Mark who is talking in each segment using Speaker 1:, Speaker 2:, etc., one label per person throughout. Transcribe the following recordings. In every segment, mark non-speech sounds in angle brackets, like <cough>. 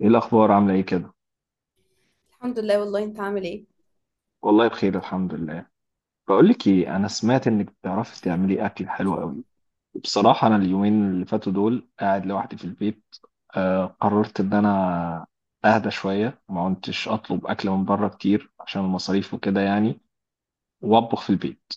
Speaker 1: ايه الاخبار؟ عامله ايه كده؟
Speaker 2: الحمد لله. والله انت عامل ايه؟
Speaker 1: والله بخير الحمد لله. بقول لك ايه، انا سمعت انك بتعرفي تعملي اكل حلو قوي. بصراحه انا اليومين اللي فاتوا دول قاعد لوحدي في البيت. قررت ان انا اهدى شويه. ما كنتش اطلب اكل من بره كتير عشان المصاريف وكده يعني، واطبخ في البيت.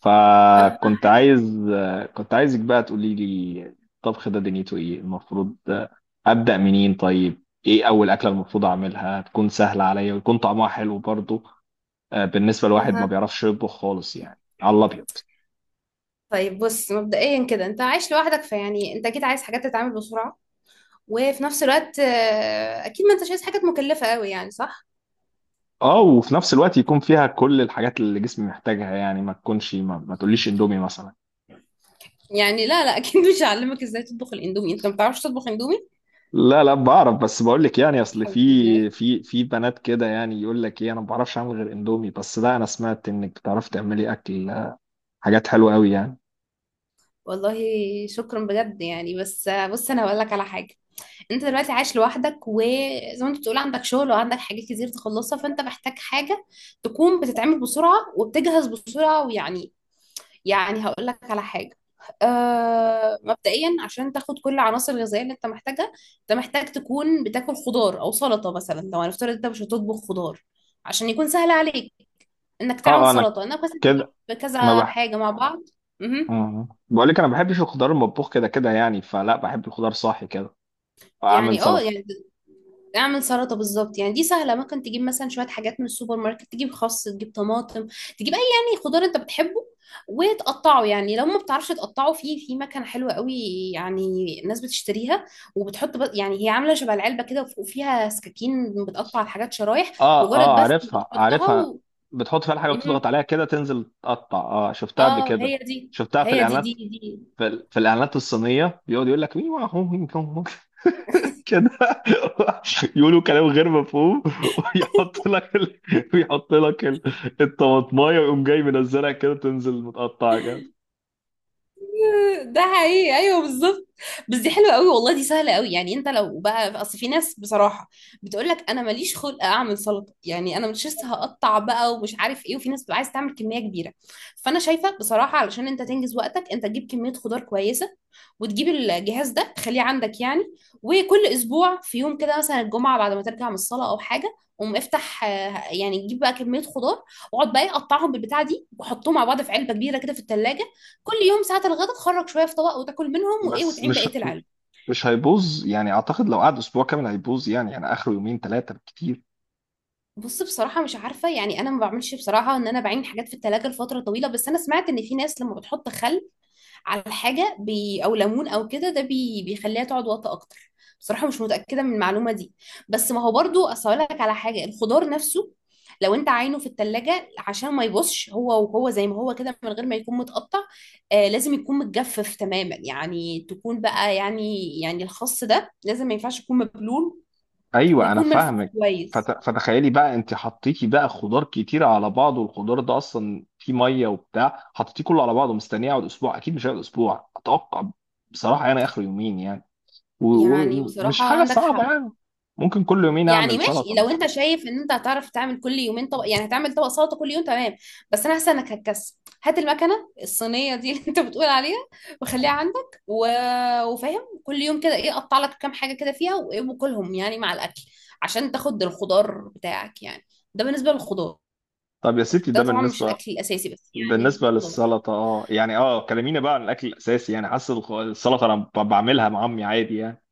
Speaker 1: فكنت عايز آه كنت عايزك بقى تقولي لي الطبخ ده دنيته ايه المفروض. ابدا منين؟ طيب ايه اول اكله المفروض اعملها، تكون سهله عليا ويكون طعمها حلو برضه؟ بالنسبه لواحد ما
Speaker 2: اها.
Speaker 1: بيعرفش يطبخ خالص يعني، على الابيض.
Speaker 2: طيب بص، مبدئيا كده انت عايش لوحدك، فيعني انت اكيد عايز حاجات تتعامل بسرعة، وفي نفس الوقت اكيد ما انتش عايز حاجات مكلفة قوي، يعني صح؟
Speaker 1: اه، وفي نفس الوقت يكون فيها كل الحاجات اللي جسمي محتاجها، يعني ما تكونش ما تقوليش اندومي مثلا.
Speaker 2: يعني لا لا، اكيد مش هعلمك ازاي تطبخ الاندومي، انت ما بتعرفش تطبخ اندومي؟
Speaker 1: لا لا بعرف، بس بقول لك يعني اصل في
Speaker 2: الحمد لله.
Speaker 1: في في بنات كده يعني يقول لك ايه، انا ما بعرفش اعمل غير اندومي. بس لا، انا سمعت انك بتعرفي تعملي اكل، حاجات حلوه قوي يعني.
Speaker 2: والله شكرا بجد يعني، بس بص انا هقول لك على حاجة. انت دلوقتي عايش لوحدك، وزي ما انت بتقول عندك شغل وعندك حاجات كتير تخلصها، فانت محتاج حاجة تكون بتتعمل بسرعة وبتجهز بسرعة ويعني، يعني هقول لك على حاجة. مبدئيا عشان تاخد كل العناصر الغذائية اللي انت محتاجها، انت محتاج تكون بتاكل خضار او سلطة، مثلا لو هنفترض انت مش هتطبخ خضار عشان يكون سهل عليك، انك تعمل
Speaker 1: انا
Speaker 2: سلطة، انك بس
Speaker 1: كده
Speaker 2: تجيب
Speaker 1: ما
Speaker 2: كذا
Speaker 1: بح
Speaker 2: حاجة مع بعض. مهم.
Speaker 1: بقول لك، انا ما بحبش الخضار المطبوخ كده كده يعني، فلا بحب الخضار صاحي كده. اعمل
Speaker 2: يعني
Speaker 1: سلطه.
Speaker 2: يعني اعمل سلطه بالظبط، يعني دي سهله، ممكن تجيب مثلا شويه حاجات من السوبر ماركت، تجيب خس، تجيب طماطم، تجيب اي يعني خضار انت بتحبه، وتقطعه. يعني لو ما بتعرفش تقطعه، في مكنه حلوه قوي، يعني الناس بتشتريها، وبتحط بس، يعني هي عامله شبه العلبه كده، وفيها سكاكين بتقطع الحاجات شرايح.
Speaker 1: اه
Speaker 2: مجرد
Speaker 1: اه،
Speaker 2: بس
Speaker 1: عارفها
Speaker 2: بتحطها
Speaker 1: عارفها.
Speaker 2: و...
Speaker 1: بتحط فيها الحاجه وتضغط
Speaker 2: مهم.
Speaker 1: عليها كده تنزل تقطع. اه، شفتها قبل
Speaker 2: اه،
Speaker 1: كده،
Speaker 2: هي دي.
Speaker 1: شفتها في
Speaker 2: هي دي دي
Speaker 1: الاعلانات.
Speaker 2: دي
Speaker 1: في الاعلانات الصينيه بيقعد يقول لك مين هو كده <laughs> يقولوا كلام غير مفهوم <laughs> ويحط لك ال... ويحط لك الطماطمايه ويقوم جاي منزلها كده تنزل متقطعه كده.
Speaker 2: ده حقيقي، ايوه بالظبط. بس دي حلوه قوي والله، دي سهله قوي. يعني انت لو بقى، اصل في ناس بصراحه بتقول لك انا ماليش خلق اعمل سلطه، يعني انا مش لسه هقطع بقى ومش عارف ايه، وفي ناس بتبقى عايز تعمل كميه كبيره. فانا شايفه بصراحه، علشان انت تنجز وقتك، انت تجيب كميه خضار كويسه، وتجيب الجهاز ده تخليه عندك يعني، وكل اسبوع في يوم كده، مثلا الجمعه بعد ما ترجع من الصلاه او حاجه، قوم افتح يعني تجيب بقى كميه خضار، واقعد بقى إيه، قطعهم بالبتاعه دي، وحطهم مع بعض في علبه كبيره كده في الثلاجه. كل يوم ساعة الغدا تخرج شوية في طبق، وتاكل منهم وايه،
Speaker 1: بس
Speaker 2: وتعين
Speaker 1: مش
Speaker 2: بقية العلبة.
Speaker 1: مش هيبوظ يعني، اعتقد لو قعد اسبوع كامل هيبوظ يعني اخره يومين ثلاثه بالكتير.
Speaker 2: بص بصراحة مش عارفة، يعني أنا ما بعملش بصراحة إن أنا بعين حاجات في التلاجة لفترة طويلة، بس أنا سمعت إن في ناس لما بتحط خل على حاجه بي، او ليمون او كده، ده بي بيخليها تقعد وقت اكتر. بصراحه مش متاكده من المعلومه دي، بس ما هو برضو، اصل أقول لك على حاجه، الخضار نفسه لو انت عينه في التلاجة عشان ما يبصش، هو وهو زي ما هو كده من غير ما يكون متقطع، آه لازم يكون متجفف تماما، يعني تكون بقى يعني، يعني الخس ده لازم، ما ينفعش يكون مبلول،
Speaker 1: ايوه انا
Speaker 2: ويكون ملفوف
Speaker 1: فاهمك.
Speaker 2: كويس.
Speaker 1: فتخيلي بقى انت حطيتي بقى خضار كتير على بعض، والخضار ده اصلا فيه ميه وبتاع، حطيتيه كله على بعضه مستنيه يقعد اسبوع؟ اكيد مش هيقعد اسبوع اتوقع. بصراحه انا اخر يومين يعني. و-
Speaker 2: يعني
Speaker 1: ومش
Speaker 2: بصراحة
Speaker 1: حاجه
Speaker 2: عندك
Speaker 1: صعبه
Speaker 2: حق.
Speaker 1: يعني، ممكن كل يومين
Speaker 2: يعني
Speaker 1: اعمل
Speaker 2: ماشي،
Speaker 1: سلطه
Speaker 2: لو
Speaker 1: مش.
Speaker 2: انت شايف ان انت هتعرف تعمل كل يومين طبق، يعني هتعمل طبق سلطه كل يوم، تمام، بس انا حاسه انك هتكسل. هات المكنه الصينيه دي <laughs> اللي انت بتقول عليها، وخليها عندك، و... وفاهم كل يوم كده ايه، قطع لك كام حاجه كده فيها وايه، وكلهم يعني مع الاكل عشان تاخد الخضار بتاعك يعني. ده بالنسبه للخضار.
Speaker 1: طب يا ستي ده
Speaker 2: ده طبعا مش
Speaker 1: بالنسبه،
Speaker 2: الاكل الاساسي، بس يعني
Speaker 1: بالنسبه
Speaker 2: خضار.
Speaker 1: للسلطه. اه يعني، اه كلمينا بقى عن الاكل الاساسي يعني، حاسس السلطه انا بعملها مع امي عادي يعني.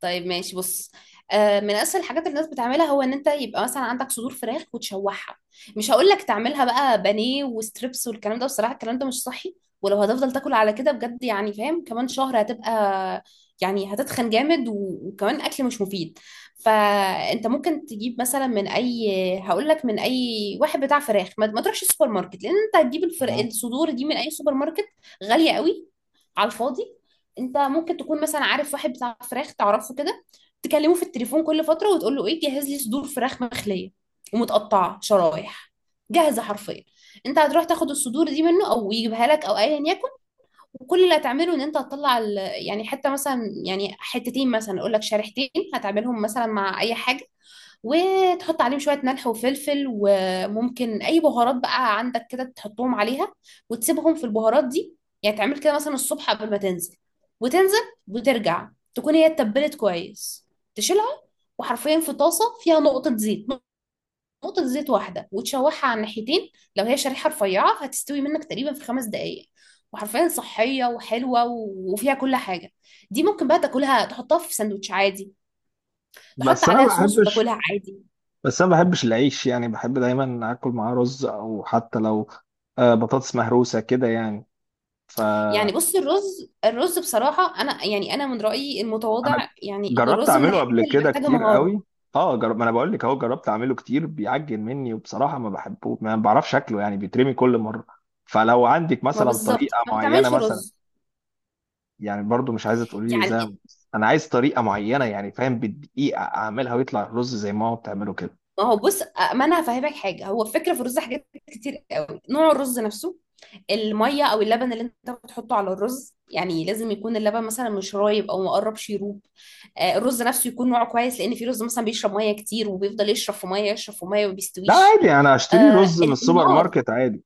Speaker 2: طيب ماشي بص، من اسهل الحاجات اللي الناس بتعملها، هو ان انت يبقى مثلا عندك صدور فراخ وتشوحها. مش هقول لك تعملها بقى بانيه وستريبس والكلام ده، بصراحه الكلام ده مش صحي، ولو هتفضل تاكل على كده بجد، يعني فاهم، كمان شهر هتبقى، يعني هتتخن جامد وكمان اكل مش مفيد. فانت ممكن تجيب مثلا من اي، هقول لك، من اي واحد بتاع فراخ، ما تروحش السوبر ماركت، لان انت هتجيب
Speaker 1: أها.
Speaker 2: الصدور دي من اي سوبر ماركت غاليه قوي على الفاضي. انت ممكن تكون مثلا عارف واحد بتاع فراخ تعرفه كده، تكلمه في التليفون كل فتره وتقول له ايه، جهز لي صدور فراخ مخليه ومتقطعه شرايح، جاهزه حرفيا. انت هتروح تاخد الصدور دي منه او يجيبها لك او ايا يكن، وكل اللي هتعمله ان انت هتطلع يعني حته مثلا، يعني حتتين مثلا، اقول لك شريحتين، هتعملهم مثلا مع اي حاجه، وتحط عليهم شوية ملح وفلفل، وممكن أي بهارات بقى عندك كده تحطهم عليها، وتسيبهم في البهارات دي. يعني تعمل كده مثلا الصبح قبل ما تنزل، وتنزل، وترجع، تكون هي اتبلت كويس، تشيلها، وحرفيا في طاسة فيها نقطة زيت، نقطة زيت واحدة، وتشوحها على الناحيتين. لو هي شريحة رفيعة هتستوي منك تقريبا في 5 دقايق، وحرفيا صحية وحلوة وفيها كل حاجة. دي ممكن بقى تاكلها، تحطها في سندوتش عادي، تحط
Speaker 1: بس انا ما
Speaker 2: عليها صوص
Speaker 1: بحبش
Speaker 2: وتاكلها عادي.
Speaker 1: بس انا ما بحبش العيش يعني، بحب دايما اكل معاه رز، او حتى لو بطاطس مهروسه كده يعني. فانا
Speaker 2: يعني بص، الرز بصراحة أنا يعني، أنا من رأيي المتواضع، يعني إن
Speaker 1: جربت
Speaker 2: الرز من
Speaker 1: اعمله
Speaker 2: الحاجات
Speaker 1: قبل
Speaker 2: اللي
Speaker 1: كده
Speaker 2: محتاجة
Speaker 1: كتير
Speaker 2: مهارة.
Speaker 1: قوي. اه جرب، ما انا بقول لك اهو جربت اعمله كتير، بيعجن مني وبصراحه ما بحبه، ما بعرفش اكله يعني، بيترمي كل مره. فلو عندك
Speaker 2: ما
Speaker 1: مثلا
Speaker 2: بالظبط،
Speaker 1: طريقه
Speaker 2: فما
Speaker 1: معينه
Speaker 2: تعملش
Speaker 1: مثلا.
Speaker 2: رز.
Speaker 1: يعني برضو مش عايزه تقولي لي زي،
Speaker 2: يعني
Speaker 1: انا عايز طريقه معينه يعني، فاهم، بالدقيقه اعملها ويطلع الرز زي ما هو بتعمله كده.
Speaker 2: ما هو بص، ما أنا هفهمك حاجة، هو الفكرة في الرز حاجات كتير قوي. نوع الرز نفسه، المية أو اللبن اللي أنت بتحطه على الرز، يعني لازم يكون اللبن مثلا مش رايب أو مقرب شيروب. الرز نفسه يكون نوعه كويس، لأن في رز مثلا بيشرب مية كتير، وبيفضل يشرب في مية، يشرب في مية وما
Speaker 1: لا
Speaker 2: بيستويش.
Speaker 1: عادي انا اشتري رز من السوبر
Speaker 2: النار
Speaker 1: ماركت عادي.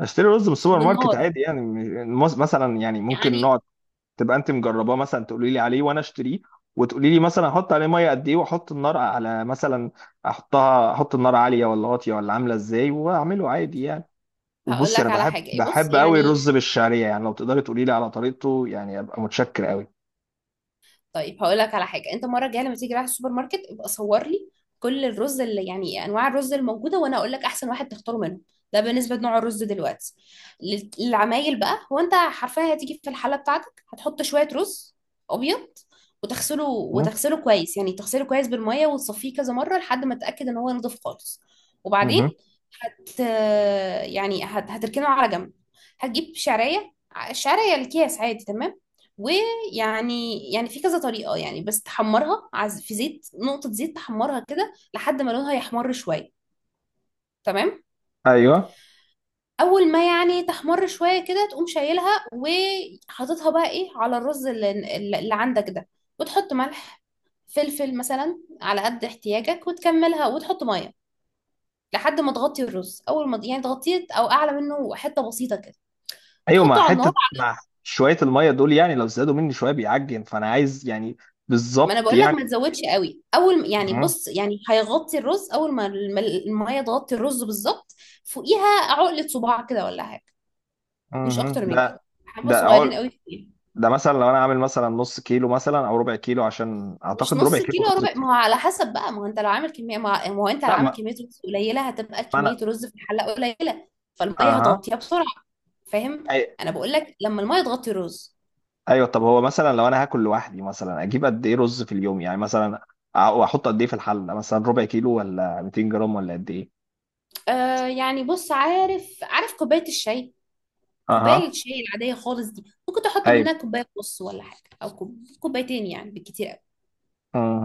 Speaker 2: والنار
Speaker 1: يعني مثلا، يعني ممكن
Speaker 2: يعني
Speaker 1: نقعد، تبقى انت مجرباه مثلا تقولي لي عليه وانا اشتريه. وتقولي لي مثلا احط عليه ميه قد ايه، واحط النار على مثلا، احط النار عاليه ولا واطيه ولا عامله ازاي، واعمله عادي يعني.
Speaker 2: هقول
Speaker 1: وبصي انا
Speaker 2: لك على
Speaker 1: بحب
Speaker 2: حاجة بص.
Speaker 1: بحب قوي
Speaker 2: يعني
Speaker 1: الرز بالشعريه، يعني لو تقدري تقولي لي على طريقته يعني ابقى متشكر قوي.
Speaker 2: طيب هقول لك على حاجه، انت المره الجايه لما تيجي رايح السوبر ماركت، ابقى صور لي كل الرز اللي، يعني انواع الرز الموجوده، وانا اقول لك احسن واحد تختاره منهم. ده بالنسبه لنوع الرز. دلوقتي للعمايل بقى، هو انت حرفيا هتيجي في الحله بتاعتك، هتحط شويه رز ابيض، وتغسله،
Speaker 1: مهم.
Speaker 2: وتغسله كويس، يعني تغسله كويس بالميه، وتصفيه كذا مره لحد ما تتاكد ان هو نضيف خالص.
Speaker 1: مهم.
Speaker 2: وبعدين هت هتركنه على جنب، هتجيب شعريه، الشعريه الكيس عادي تمام، و يعني في كذا طريقة، يعني بس تحمرها عز في زيت، نقطة زيت، تحمرها كده لحد ما لونها يحمر شوية، تمام؟
Speaker 1: ايوه.
Speaker 2: أول ما يعني تحمر شوية كده، تقوم شايلها وحاططها بقى إيه على الرز اللي عندك ده، وتحط ملح، فلفل مثلا على قد احتياجك، وتكملها وتحط مية لحد ما تغطي الرز. أول ما يعني تغطيه، أو أعلى منه حتة بسيطة كده،
Speaker 1: ايوه،
Speaker 2: وتحطه على النار.
Speaker 1: مع شويه الميه دول يعني، لو زادوا مني شويه بيعجن، فانا عايز يعني
Speaker 2: ما انا
Speaker 1: بالظبط
Speaker 2: بقول لك،
Speaker 1: يعني.
Speaker 2: ما تزودش قوي. اول ما- يعني
Speaker 1: مهم.
Speaker 2: بص، يعني هيغطي الرز، اول ما الم- الميه تغطي الرز بالظبط، فوقيها عقله صباع كده ولا حاجه، مش
Speaker 1: مهم.
Speaker 2: اكتر من كده،
Speaker 1: لا.
Speaker 2: حبه
Speaker 1: ده
Speaker 2: صغيرين قوي فيها.
Speaker 1: ده مثلا لو انا عامل مثلا نص كيلو، مثلا او ربع كيلو، عشان
Speaker 2: مش
Speaker 1: اعتقد ربع
Speaker 2: نص
Speaker 1: كيلو
Speaker 2: كيلو،
Speaker 1: رز
Speaker 2: ربع،
Speaker 1: كتير.
Speaker 2: ما هو على حسب بقى، ما هو انت لو عامل كميه، ما هو انت لو
Speaker 1: لا
Speaker 2: عامل
Speaker 1: ما
Speaker 2: كميه رز قليله، هتبقى
Speaker 1: ما
Speaker 2: كميه
Speaker 1: انا،
Speaker 2: رز في الحله قليله، فالميه
Speaker 1: اها.
Speaker 2: هتغطيها بسرعه، فاهم؟
Speaker 1: أي...
Speaker 2: انا بقول لك لما الميه تغطي الرز.
Speaker 1: ايوه، طب هو مثلا لو انا هاكل لوحدي مثلا، اجيب قد ايه رز في اليوم يعني؟ مثلا واحط قد ايه في الحله، مثلا ربع كيلو ولا 200 جرام ولا قد ايه؟
Speaker 2: آه يعني بص، عارف كوبايه الشاي، كوبايه
Speaker 1: اها.
Speaker 2: الشاي العاديه خالص دي، ممكن تحط
Speaker 1: ايوه.
Speaker 2: منها كوبايه ونص ولا حاجه، او كوبايتين يعني بالكتير قوي،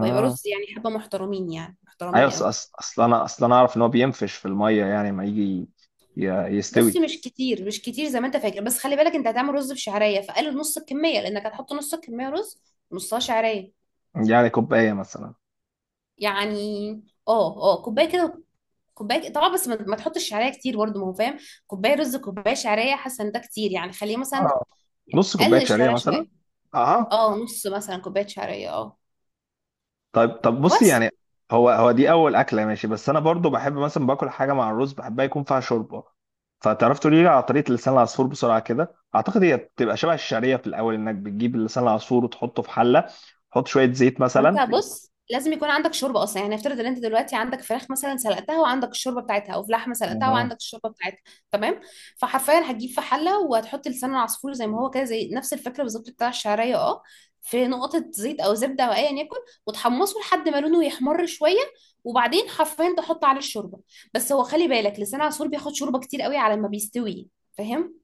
Speaker 2: ويبقى رز يعني حبه محترمين، يعني
Speaker 1: ايوه،
Speaker 2: محترمين قوي.
Speaker 1: أصل انا اعرف ان هو بينفش في الميه، يعني ما يجي
Speaker 2: بص
Speaker 1: يستوي.
Speaker 2: مش كتير، مش كتير زي ما انت فاكر، بس خلي بالك انت هتعمل رز بشعريه، فقلل نص الكميه، لانك هتحط نص الكميه رز، نصها شعريه.
Speaker 1: يعني كوبايه مثلا.
Speaker 2: يعني اه اه كوبايه كده، كوبايه طبعا، بس ما ما تحطش شعريه كتير برضه، ما هو فاهم، كوبايه رز كوبايه شعريه، حاسه ان ده كتير، يعني خليه مثلا،
Speaker 1: اه، نص
Speaker 2: قلل
Speaker 1: كوبايه شعريه
Speaker 2: الشعريه
Speaker 1: مثلا.
Speaker 2: شويه،
Speaker 1: اها.
Speaker 2: اه نص مثلا كوبايه شعريه، اه
Speaker 1: طيب طب بصي
Speaker 2: وبس.
Speaker 1: يعني، هو دي اول اكله ماشي. بس انا برضو بحب مثلا باكل حاجه مع الرز بحبها يكون فيها شوربه. فتعرف تقولي لي على طريقه لسان العصفور بسرعه كده؟ اعتقد هي بتبقى شبه الشعريه، في الاول انك بتجيب لسان العصفور وتحطه في حله، تحط شويه زيت
Speaker 2: ما انت
Speaker 1: مثلا
Speaker 2: بص لازم يكون عندك شوربه اصلا، يعني افترض ان انت دلوقتي عندك فراخ مثلا سلقتها وعندك الشوربه بتاعتها، او فلحمه سلقتها
Speaker 1: آه.
Speaker 2: وعندك الشوربه بتاعتها، تمام. فحرفيا هتجيب في حله، وهتحط لسان العصفور زي ما هو كده، زي نفس الفكره بالظبط بتاع الشعريه، اه، في نقطه زيت او زبده او ايا يكن، وتحمصه لحد ما لونه يحمر شويه، وبعدين حرفيا تحط عليه الشوربه. بس هو خلي بالك، لسان العصفور بياخد شوربه كتير قوي على ما بيستوي، فاهم؟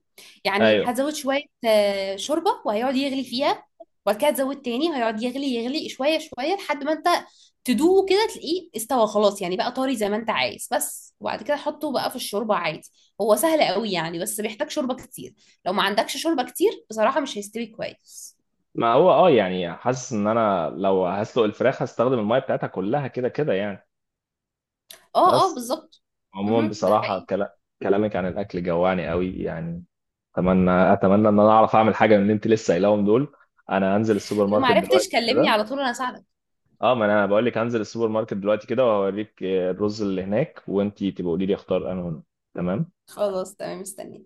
Speaker 2: يعني
Speaker 1: ايوه.
Speaker 2: هزود شويه شوربه، وهيقعد يغلي فيها، وبعد كده تزود تاني، هيقعد يغلي يغلي شويه شويه لحد ما انت تدوقه كده، تلاقيه استوى خلاص، يعني بقى طري زي ما انت عايز، بس وبعد كده حطه بقى في الشوربه عادي. هو سهل قوي يعني، بس بيحتاج شوربه كتير، لو ما عندكش شوربه كتير بصراحه مش هيستوي كويس.
Speaker 1: ما هو اه يعني، حاسس ان انا لو هسلق الفراخ هستخدم الميه بتاعتها كلها كده كده يعني.
Speaker 2: اه اه
Speaker 1: بس،
Speaker 2: بالظبط.
Speaker 1: عموما
Speaker 2: مهم، ده
Speaker 1: بصراحه
Speaker 2: حقيقي.
Speaker 1: كلامك عن الاكل جوعني قوي يعني. اتمنى ان انا اعرف اعمل حاجه من اللي انت لسه قايلاهم دول. انا هنزل السوبر
Speaker 2: لو ما
Speaker 1: ماركت
Speaker 2: عرفتش
Speaker 1: دلوقتي
Speaker 2: كلمني
Speaker 1: كده.
Speaker 2: على طول، انا اساعدك.
Speaker 1: اه، ما انا بقول لك هنزل السوبر ماركت دلوقتي كده وهوريك الرز اللي هناك، وانت تبقى قولي لي اختار انا هنا. تمام.
Speaker 2: خلاص تمام، مستنيه.